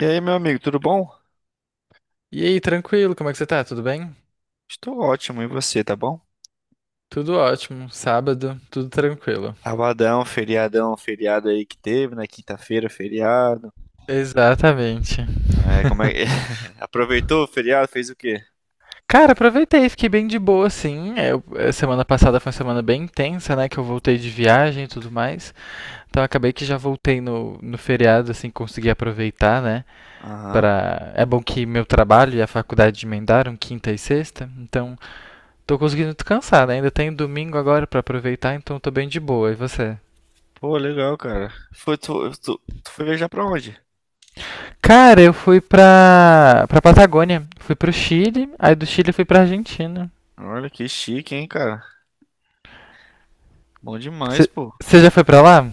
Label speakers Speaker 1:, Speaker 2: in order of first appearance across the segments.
Speaker 1: E aí, meu amigo, tudo bom?
Speaker 2: E aí, tranquilo, como é que você tá? Tudo bem?
Speaker 1: Estou ótimo, e você, tá bom?
Speaker 2: Tudo ótimo, sábado, tudo tranquilo.
Speaker 1: Sabadão, feriadão, feriado aí que teve, na quinta-feira, feriado.
Speaker 2: Exatamente.
Speaker 1: É, como é... que... Aproveitou o feriado, fez o quê?
Speaker 2: Cara, aproveitei, fiquei bem de boa, sim. Semana passada foi uma semana bem intensa, né? Que eu voltei de viagem e tudo mais. Então acabei que já voltei no feriado, assim, consegui aproveitar, né?
Speaker 1: Aham.
Speaker 2: Pra... É bom que meu trabalho e a faculdade emendaram quinta e sexta, então tô conseguindo descansar, né? Ainda tenho domingo agora pra aproveitar, então tô bem de boa. E você?
Speaker 1: Pô, legal, cara. Foi, tu foi viajar pra onde?
Speaker 2: Cara, eu fui pra Patagônia. Fui pro Chile, aí do Chile eu fui pra Argentina.
Speaker 1: Olha que chique, hein, cara. Bom demais, pô.
Speaker 2: Você já foi pra lá?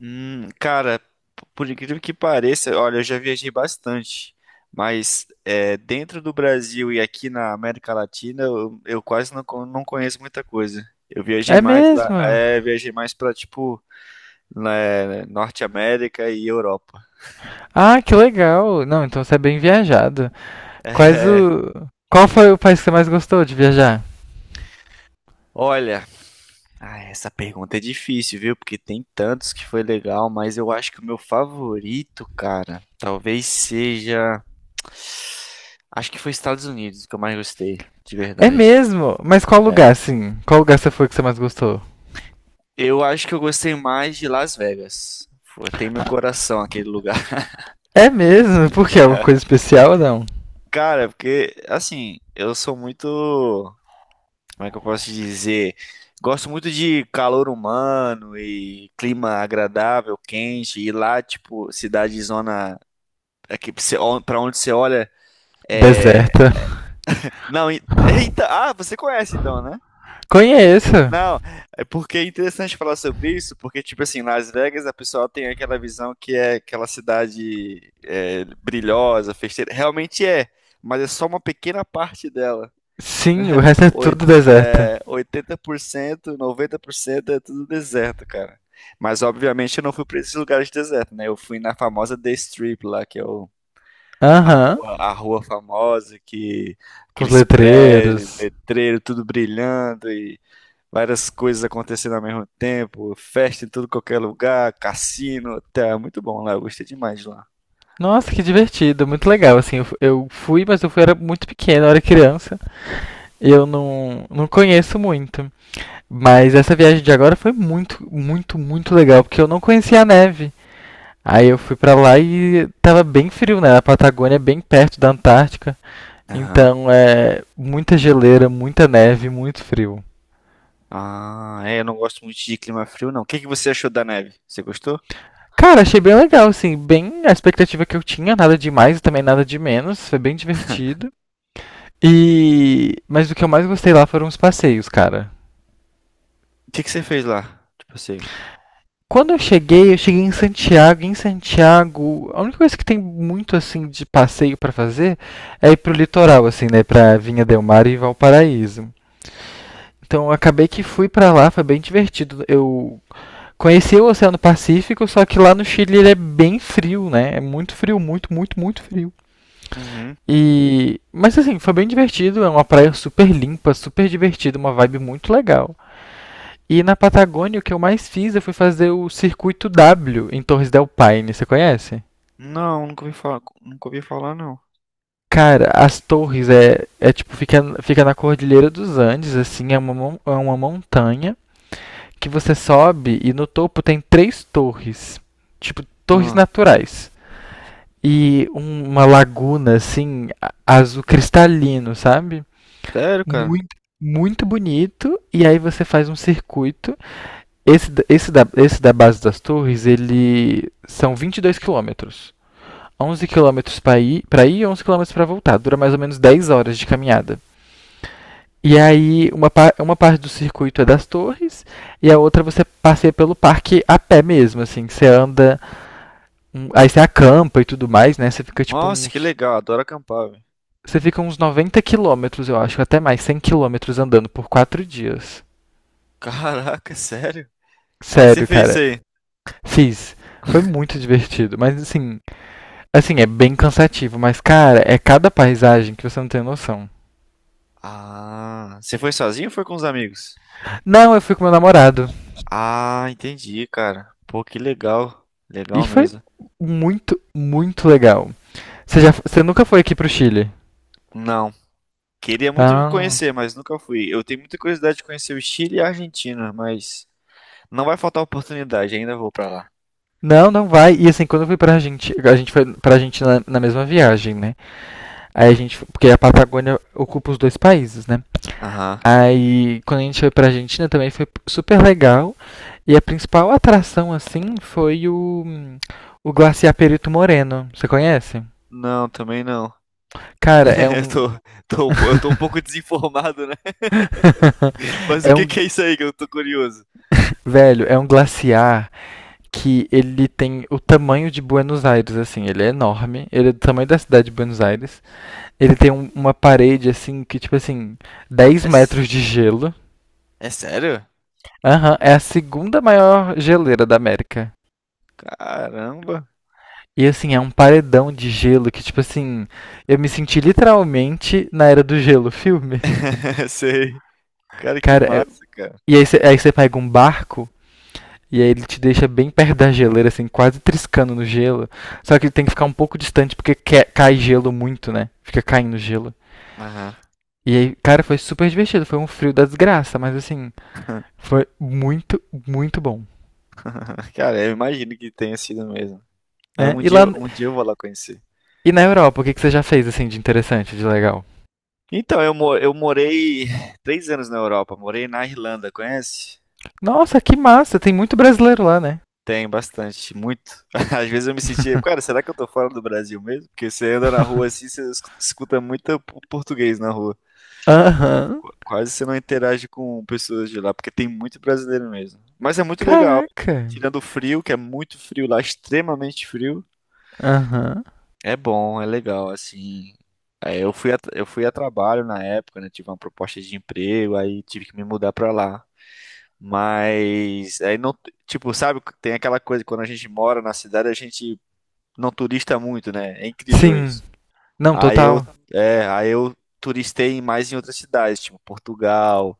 Speaker 1: Cara, por incrível que pareça, olha, eu já viajei bastante, mas dentro do Brasil e aqui na América Latina, eu quase não, não conheço muita coisa. Eu viajei
Speaker 2: É
Speaker 1: mais lá,
Speaker 2: mesmo?
Speaker 1: viajei mais pra, tipo, né, Norte América e Europa.
Speaker 2: Ah, que legal. Não, então você é bem viajado. Quais
Speaker 1: É,
Speaker 2: o. Qual foi o país que você mais gostou de viajar?
Speaker 1: olha, ah, essa pergunta é difícil, viu? Porque tem tantos que foi legal, mas eu acho que o meu favorito, cara, talvez seja. Acho que foi Estados Unidos que eu mais gostei, de
Speaker 2: É
Speaker 1: verdade.
Speaker 2: mesmo? Mas qual
Speaker 1: É.
Speaker 2: lugar, assim? Qual lugar você foi que você mais gostou?
Speaker 1: Eu acho que eu gostei mais de Las Vegas. Foi. Tem meu coração aquele lugar.
Speaker 2: É mesmo? Por quê? Alguma
Speaker 1: É.
Speaker 2: coisa especial ou não?
Speaker 1: Cara, porque, assim, eu sou muito. Como é que eu posso dizer? Gosto muito de calor humano e clima agradável, quente, e lá, tipo, cidade zona. É que você pra onde você olha.
Speaker 2: Deserta.
Speaker 1: Não, eita, ah, você conhece então, né?
Speaker 2: Conheço.
Speaker 1: Não, é porque é interessante falar sobre isso, porque, tipo assim, Las Vegas a pessoa tem aquela visão que é aquela cidade é, brilhosa, festeira. Realmente é, mas é só uma pequena parte dela.
Speaker 2: Sim, o
Speaker 1: Né?
Speaker 2: resto é
Speaker 1: Oi-
Speaker 2: tudo deserta.
Speaker 1: 80% 90% é tudo deserto, cara. Mas, obviamente, eu não fui pra esses lugares de deserto, né? Eu fui na famosa The Strip lá, que é o.
Speaker 2: Aham.
Speaker 1: A rua famosa, que
Speaker 2: Com os
Speaker 1: aqueles prédios,
Speaker 2: letreiros.
Speaker 1: letreiro, tudo brilhando e várias coisas acontecendo ao mesmo tempo, festa em tudo qualquer lugar, cassino, tá muito bom lá, eu gostei demais de lá.
Speaker 2: Nossa, que divertido, muito legal. Assim, eu fui, mas eu fui, era muito pequeno, eu era criança. Eu não conheço muito. Mas essa viagem de agora foi muito, muito, muito legal, porque eu não conhecia a neve. Aí eu fui pra lá e tava bem frio, né? A Patagônia é bem perto da Antártica.
Speaker 1: Aham.
Speaker 2: Então é muita geleira, muita neve, muito frio.
Speaker 1: Ah, é, eu não gosto muito de clima frio, não. O que que você achou da neve? Você gostou?
Speaker 2: Cara, achei bem legal, assim, bem a expectativa que eu tinha, nada de mais e também nada de menos. Foi bem divertido. Mas o que eu mais gostei lá foram os passeios, cara.
Speaker 1: O que que você fez lá? Tipo assim.
Speaker 2: Quando eu cheguei, em Santiago. Em Santiago, a única coisa que tem muito assim de passeio para fazer é ir pro litoral, assim, né, para Vinha del Mar e Valparaíso. Então, eu acabei que fui para lá, foi bem divertido. Eu conheci o Oceano Pacífico, só que lá no Chile ele é bem frio, né? É muito frio, muito, muito, muito frio.
Speaker 1: Uhum.
Speaker 2: E, mas assim, foi bem divertido, é uma praia super limpa, super divertida, uma vibe muito legal. E na Patagônia, o que eu mais fiz eu fui fazer o circuito W em Torres del Paine, você conhece?
Speaker 1: Não, nunca ouvi falar, nunca ouvi falar, não.
Speaker 2: Cara, as torres é tipo, fica na Cordilheira dos Andes, assim, é uma montanha que você sobe e no topo tem três torres, tipo, torres
Speaker 1: Ah,
Speaker 2: naturais. E uma laguna, assim, azul cristalino, sabe?
Speaker 1: sério, cara?
Speaker 2: Muito, muito bonito. E aí você faz um circuito. Esse da base das torres, ele são 22 quilômetros. 11 quilômetros para ir, e 11 quilômetros para voltar. Dura mais ou menos 10 horas de caminhada. E aí, uma parte do circuito é das torres e a outra você passeia pelo parque a pé mesmo, assim. Você anda, aí você acampa e tudo mais, né? Você fica tipo
Speaker 1: Nossa, que
Speaker 2: uns...
Speaker 1: legal, adoro acampar, velho.
Speaker 2: Você fica uns 90 quilômetros, eu acho, até mais, 100 quilômetros andando por 4 dias.
Speaker 1: Caraca, sério? Aí você
Speaker 2: Sério,
Speaker 1: fez isso
Speaker 2: cara.
Speaker 1: aí.
Speaker 2: Fiz. Foi muito divertido, mas assim... Assim, é bem cansativo, mas cara, é cada paisagem que você não tem noção.
Speaker 1: Ah, você foi sozinho ou foi com os amigos?
Speaker 2: Não, eu fui com meu namorado.
Speaker 1: Ah, entendi, cara. Pô, que legal.
Speaker 2: E
Speaker 1: Legal
Speaker 2: foi
Speaker 1: mesmo.
Speaker 2: muito, muito legal. Você nunca foi aqui pro Chile?
Speaker 1: Não, queria muito
Speaker 2: Ah.
Speaker 1: conhecer, mas nunca fui. Eu tenho muita curiosidade de conhecer o Chile e a Argentina, mas não vai faltar oportunidade, ainda vou pra lá.
Speaker 2: Não, não vai. E assim, quando eu fui pra Argentina, a gente foi pra Argentina na mesma viagem, né? Aí a gente, porque a Patagônia ocupa os dois países, né?
Speaker 1: Aham.
Speaker 2: Aí, quando a gente foi pra Argentina também foi super legal. E a principal atração, assim, foi o Glaciar Perito Moreno. Você conhece?
Speaker 1: Não, também não.
Speaker 2: Cara,
Speaker 1: Eu tô, eu tô um pouco desinformado, né? Mas o
Speaker 2: É
Speaker 1: que
Speaker 2: um,
Speaker 1: que é isso aí que eu tô curioso?
Speaker 2: velho, é um glaciar que ele tem o tamanho de Buenos Aires, assim, ele é enorme, ele é do tamanho da cidade de Buenos Aires. Ele tem uma parede, assim, que, tipo assim, 10
Speaker 1: É, s-
Speaker 2: metros de gelo.
Speaker 1: É sério?
Speaker 2: Aham, é a segunda maior geleira da América.
Speaker 1: Caramba.
Speaker 2: E, assim, é um paredão de gelo que, tipo assim, eu me senti literalmente na Era do Gelo, filme.
Speaker 1: Sei. Cara, que
Speaker 2: Cara,
Speaker 1: massa, cara.
Speaker 2: e aí você pega um barco. E aí ele te deixa bem perto da geleira, assim, quase triscando no gelo. Só que ele tem que ficar um pouco distante porque cai gelo muito, né? Fica caindo gelo.
Speaker 1: Aham.
Speaker 2: E aí, cara, foi super divertido. Foi um frio da desgraça, mas assim, foi muito, muito bom.
Speaker 1: Cara, eu imagino que tenha sido mesmo. Mas
Speaker 2: Né?
Speaker 1: um dia, eu- um dia eu vou lá conhecer.
Speaker 2: E na Europa, o que, que você já fez, assim, de interessante, de legal?
Speaker 1: Então, eu morei 3 anos na Europa, morei na Irlanda, conhece?
Speaker 2: Nossa, que massa! Tem muito brasileiro lá, né?
Speaker 1: Tem bastante, muito. Às vezes eu me sentia, cara, será que eu tô fora do Brasil mesmo? Porque você anda na
Speaker 2: Aham.
Speaker 1: rua assim, você escuta muito português na rua.
Speaker 2: Uhum.
Speaker 1: Quase você não interage com pessoas de lá, porque tem muito brasileiro mesmo. Mas é muito legal,
Speaker 2: Caraca.
Speaker 1: tirando o frio, que é muito frio lá, extremamente frio.
Speaker 2: Aham. Uhum.
Speaker 1: É bom, é legal, assim. É, eu fui a trabalho na época, né? Tive uma proposta de emprego, aí tive que me mudar pra lá. Mas aí não, tipo, sabe, tem aquela coisa, quando a gente mora na cidade, a gente não turista muito, né? É incrível
Speaker 2: Sim.
Speaker 1: isso.
Speaker 2: Não,
Speaker 1: Aí eu,
Speaker 2: total.
Speaker 1: aí eu turistei mais em outras cidades, tipo Portugal,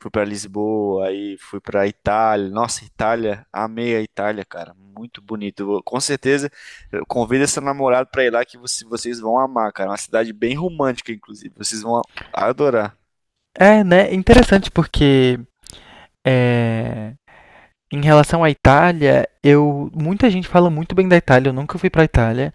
Speaker 1: fui pra Lisboa, aí fui pra Itália. Nossa, Itália, amei a Itália, cara. Muito bonito. Com certeza, eu convido seu namorado pra ir lá que você. Vocês vão amar, cara. É uma cidade bem romântica, inclusive. Vocês vão adorar.
Speaker 2: É, né? Interessante porque. É. Em relação à Itália, eu muita gente fala muito bem da Itália, eu nunca fui pra Itália,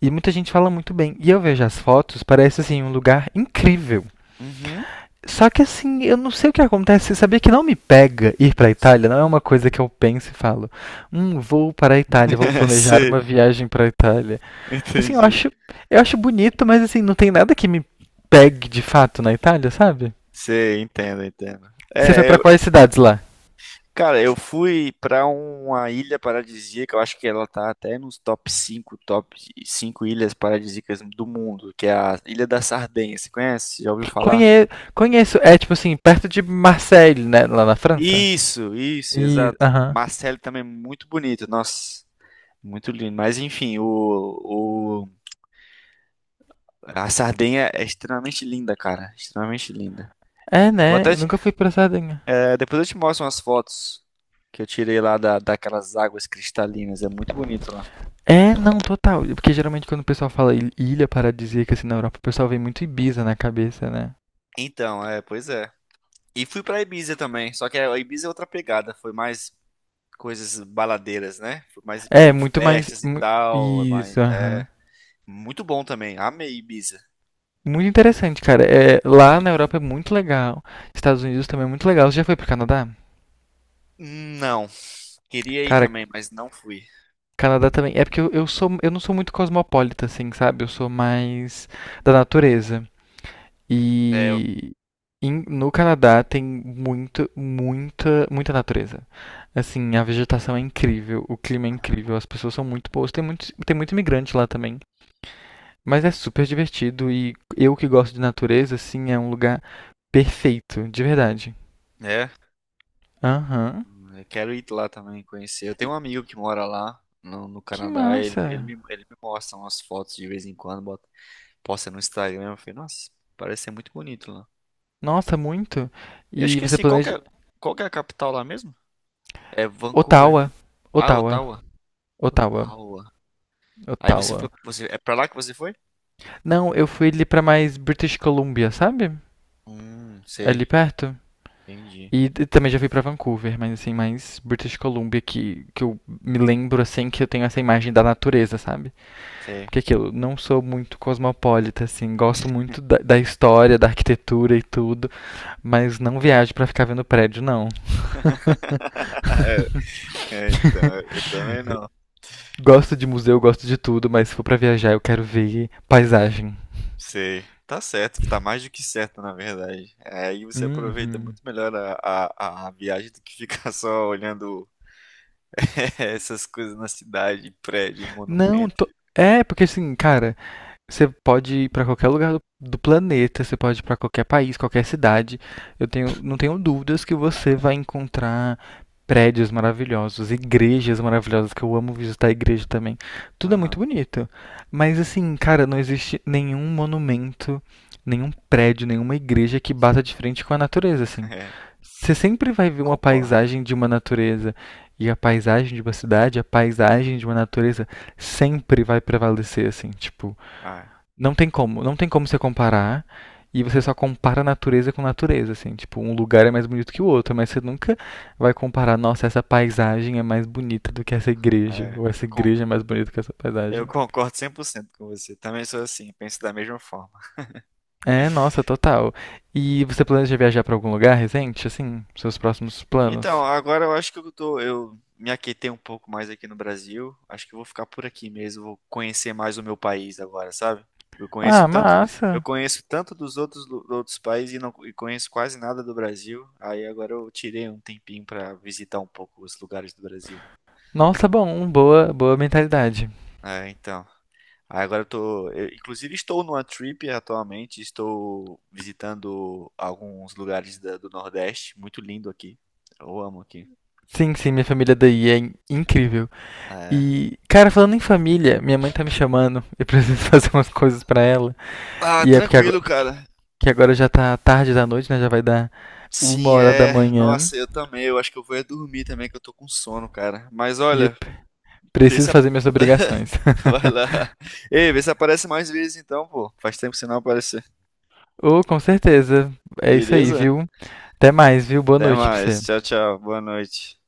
Speaker 2: e muita gente fala muito bem. E eu vejo as fotos, parece assim um lugar incrível.
Speaker 1: Uhum.
Speaker 2: Só que assim, eu não sei o que acontece, sabia que não me pega ir pra Itália, não é uma coisa que eu penso e falo, vou para a Itália, vou planejar
Speaker 1: Sei,
Speaker 2: uma viagem pra Itália. Assim, eu
Speaker 1: entendi.
Speaker 2: acho, eu acho bonito, mas assim, não tem nada que me pegue de fato na Itália, sabe?
Speaker 1: Sei, entendo, entendo.
Speaker 2: Você foi
Speaker 1: É,
Speaker 2: pra
Speaker 1: eu,
Speaker 2: quais cidades lá?
Speaker 1: cara, eu fui pra uma ilha paradisíaca, eu acho que ela tá até nos top cinco ilhas paradisíacas do mundo, que é a Ilha da Sardenha. Você conhece? Já ouviu falar?
Speaker 2: Conhe- conheço, é tipo assim, perto de Marseille, né, lá na França?
Speaker 1: Isso,
Speaker 2: E,
Speaker 1: exato.
Speaker 2: aham.
Speaker 1: Marcelo também é muito bonito, nossa, muito lindo. Mas enfim, o a Sardenha é extremamente linda, cara, extremamente linda.
Speaker 2: É,
Speaker 1: Vou
Speaker 2: né?
Speaker 1: até
Speaker 2: Eu
Speaker 1: te-
Speaker 2: nunca fui pra Sardenha.
Speaker 1: é, depois eu te mostro umas fotos que eu tirei lá da, daquelas águas cristalinas, é muito bonito lá.
Speaker 2: É, não, total. Porque geralmente quando o pessoal fala ilha paradisíaca assim na Europa, o pessoal vem muito Ibiza na cabeça, né?
Speaker 1: Então, é, pois é. E fui pra Ibiza também, só que a Ibiza é outra pegada, foi mais coisas baladeiras, né? Foi mais pra ir
Speaker 2: É,
Speaker 1: em
Speaker 2: muito mais.
Speaker 1: festas e tal, é mais,
Speaker 2: Isso,
Speaker 1: é
Speaker 2: aham.
Speaker 1: muito bom também. Amei Ibiza.
Speaker 2: Muito interessante, cara. É, lá na Europa é muito legal. Estados Unidos também é muito legal. Você já foi pro Canadá?
Speaker 1: Não. Queria ir
Speaker 2: Cara,
Speaker 1: também, mas não fui.
Speaker 2: Canadá também. É porque eu não sou muito cosmopolita, assim, sabe? Eu sou mais da natureza.
Speaker 1: É, eu-
Speaker 2: E no Canadá tem muito, muita natureza. Assim, a vegetação é incrível, o clima é
Speaker 1: Aham.
Speaker 2: incrível, as pessoas são muito boas. Tem muito imigrante lá também. Mas é super divertido e eu que gosto de natureza, assim, é um lugar perfeito, de verdade.
Speaker 1: é,
Speaker 2: Aham.
Speaker 1: eu quero ir lá também conhecer. Eu tenho um amigo que mora lá no, no
Speaker 2: Que
Speaker 1: Canadá. Ele, ele me,
Speaker 2: massa!
Speaker 1: ele me mostra umas fotos de vez em quando, bota, posta no Instagram. Eu falei, nossa, parece ser muito bonito lá.
Speaker 2: Nossa, muito!
Speaker 1: Eu
Speaker 2: E você
Speaker 1: esqueci, qual que é,
Speaker 2: planeja.
Speaker 1: qual que é a capital lá mesmo? É Vancouver, né?
Speaker 2: Ottawa.
Speaker 1: Ah,
Speaker 2: Ottawa.
Speaker 1: Ottawa.
Speaker 2: Ottawa.
Speaker 1: Ottawa. Aí você
Speaker 2: Ottawa.
Speaker 1: foi, você, é pra lá que você foi?
Speaker 2: Não, eu fui ali pra mais British Columbia, sabe? Ali
Speaker 1: Sei,
Speaker 2: perto.
Speaker 1: entendi.
Speaker 2: E também já fui pra Vancouver, mas assim, mais British Columbia que eu me lembro assim que eu tenho essa imagem da natureza, sabe?
Speaker 1: Sei.
Speaker 2: Porque aquilo, não sou muito cosmopolita, assim, gosto muito da história, da arquitetura e tudo, mas não viajo pra ficar vendo prédio, não.
Speaker 1: É, então, eu também não.
Speaker 2: Gosto de museu, gosto de tudo, mas se for pra viajar eu quero ver paisagem.
Speaker 1: Sei. Tá certo, tá mais do que certo, na verdade. É, aí você aproveita
Speaker 2: Uhum.
Speaker 1: muito melhor a, a viagem do que ficar só olhando essas coisas na cidade, em prédio, em
Speaker 2: Não,
Speaker 1: monumento.
Speaker 2: tô... é, porque assim, cara, você pode ir para qualquer lugar do planeta, você pode ir para qualquer país, qualquer cidade. Não tenho dúvidas que você vai encontrar prédios maravilhosos, igrejas maravilhosas, que eu amo visitar a igreja também. Tudo é muito
Speaker 1: Aham,
Speaker 2: bonito. Mas assim, cara, não existe nenhum monumento, nenhum prédio, nenhuma igreja que bata de frente com a natureza, assim.
Speaker 1: é,
Speaker 2: Você sempre vai ver uma
Speaker 1: concordo.
Speaker 2: paisagem de uma natureza e a paisagem de uma cidade, a paisagem de uma natureza sempre vai prevalecer, assim, tipo,
Speaker 1: Ah,
Speaker 2: não tem como você comparar. E você só compara natureza com natureza, assim, tipo, um lugar é mais bonito que o outro, mas você nunca vai comparar, nossa, essa paisagem é mais bonita do que essa igreja,
Speaker 1: é,
Speaker 2: ou essa
Speaker 1: eu con-
Speaker 2: igreja é mais bonita que essa
Speaker 1: eu
Speaker 2: paisagem.
Speaker 1: concordo 100% com você. Também sou assim, penso da mesma forma.
Speaker 2: É, nossa, total. E você planeja viajar pra algum lugar recente, assim, seus próximos
Speaker 1: Então,
Speaker 2: planos?
Speaker 1: agora eu acho que eu tô, eu me aquietei um pouco mais aqui no Brasil. Acho que eu vou ficar por aqui mesmo, vou conhecer mais o meu país agora, sabe? Eu conheço
Speaker 2: Ah,
Speaker 1: tanto, eu
Speaker 2: massa.
Speaker 1: conheço tanto dos outros, outros países e não conheço quase nada do Brasil. Aí agora eu tirei um tempinho pra visitar um pouco os lugares do Brasil.
Speaker 2: Nossa, bom, boa, boa mentalidade.
Speaker 1: É, então. Aí agora eu tô, eu, inclusive estou numa trip atualmente, estou visitando alguns lugares do Nordeste, muito lindo aqui. Eu amo aqui.
Speaker 2: Sim, sim, minha família daí é incrível.
Speaker 1: É.
Speaker 2: E, cara, falando em família, minha mãe tá me chamando, eu preciso fazer umas coisas pra ela.
Speaker 1: Ah,
Speaker 2: E é
Speaker 1: tranquilo,
Speaker 2: porque
Speaker 1: cara.
Speaker 2: agora já tá tarde da noite, né? Já vai dar uma
Speaker 1: Sim,
Speaker 2: hora da
Speaker 1: é.
Speaker 2: manhã
Speaker 1: Nossa, eu também. Eu acho que eu vou é dormir também, que eu tô com sono, cara. Mas
Speaker 2: e eu
Speaker 1: olha,
Speaker 2: p-
Speaker 1: vê
Speaker 2: preciso
Speaker 1: se. a-
Speaker 2: fazer minhas obrigações.
Speaker 1: vai lá. Ei, vê se aparece mais vezes então, pô. Faz tempo que você não aparecer.
Speaker 2: Oh, com certeza. É isso aí,
Speaker 1: Beleza?
Speaker 2: viu? Até mais, viu? Boa
Speaker 1: Até
Speaker 2: noite pra você.
Speaker 1: mais. Tchau, tchau. Boa noite.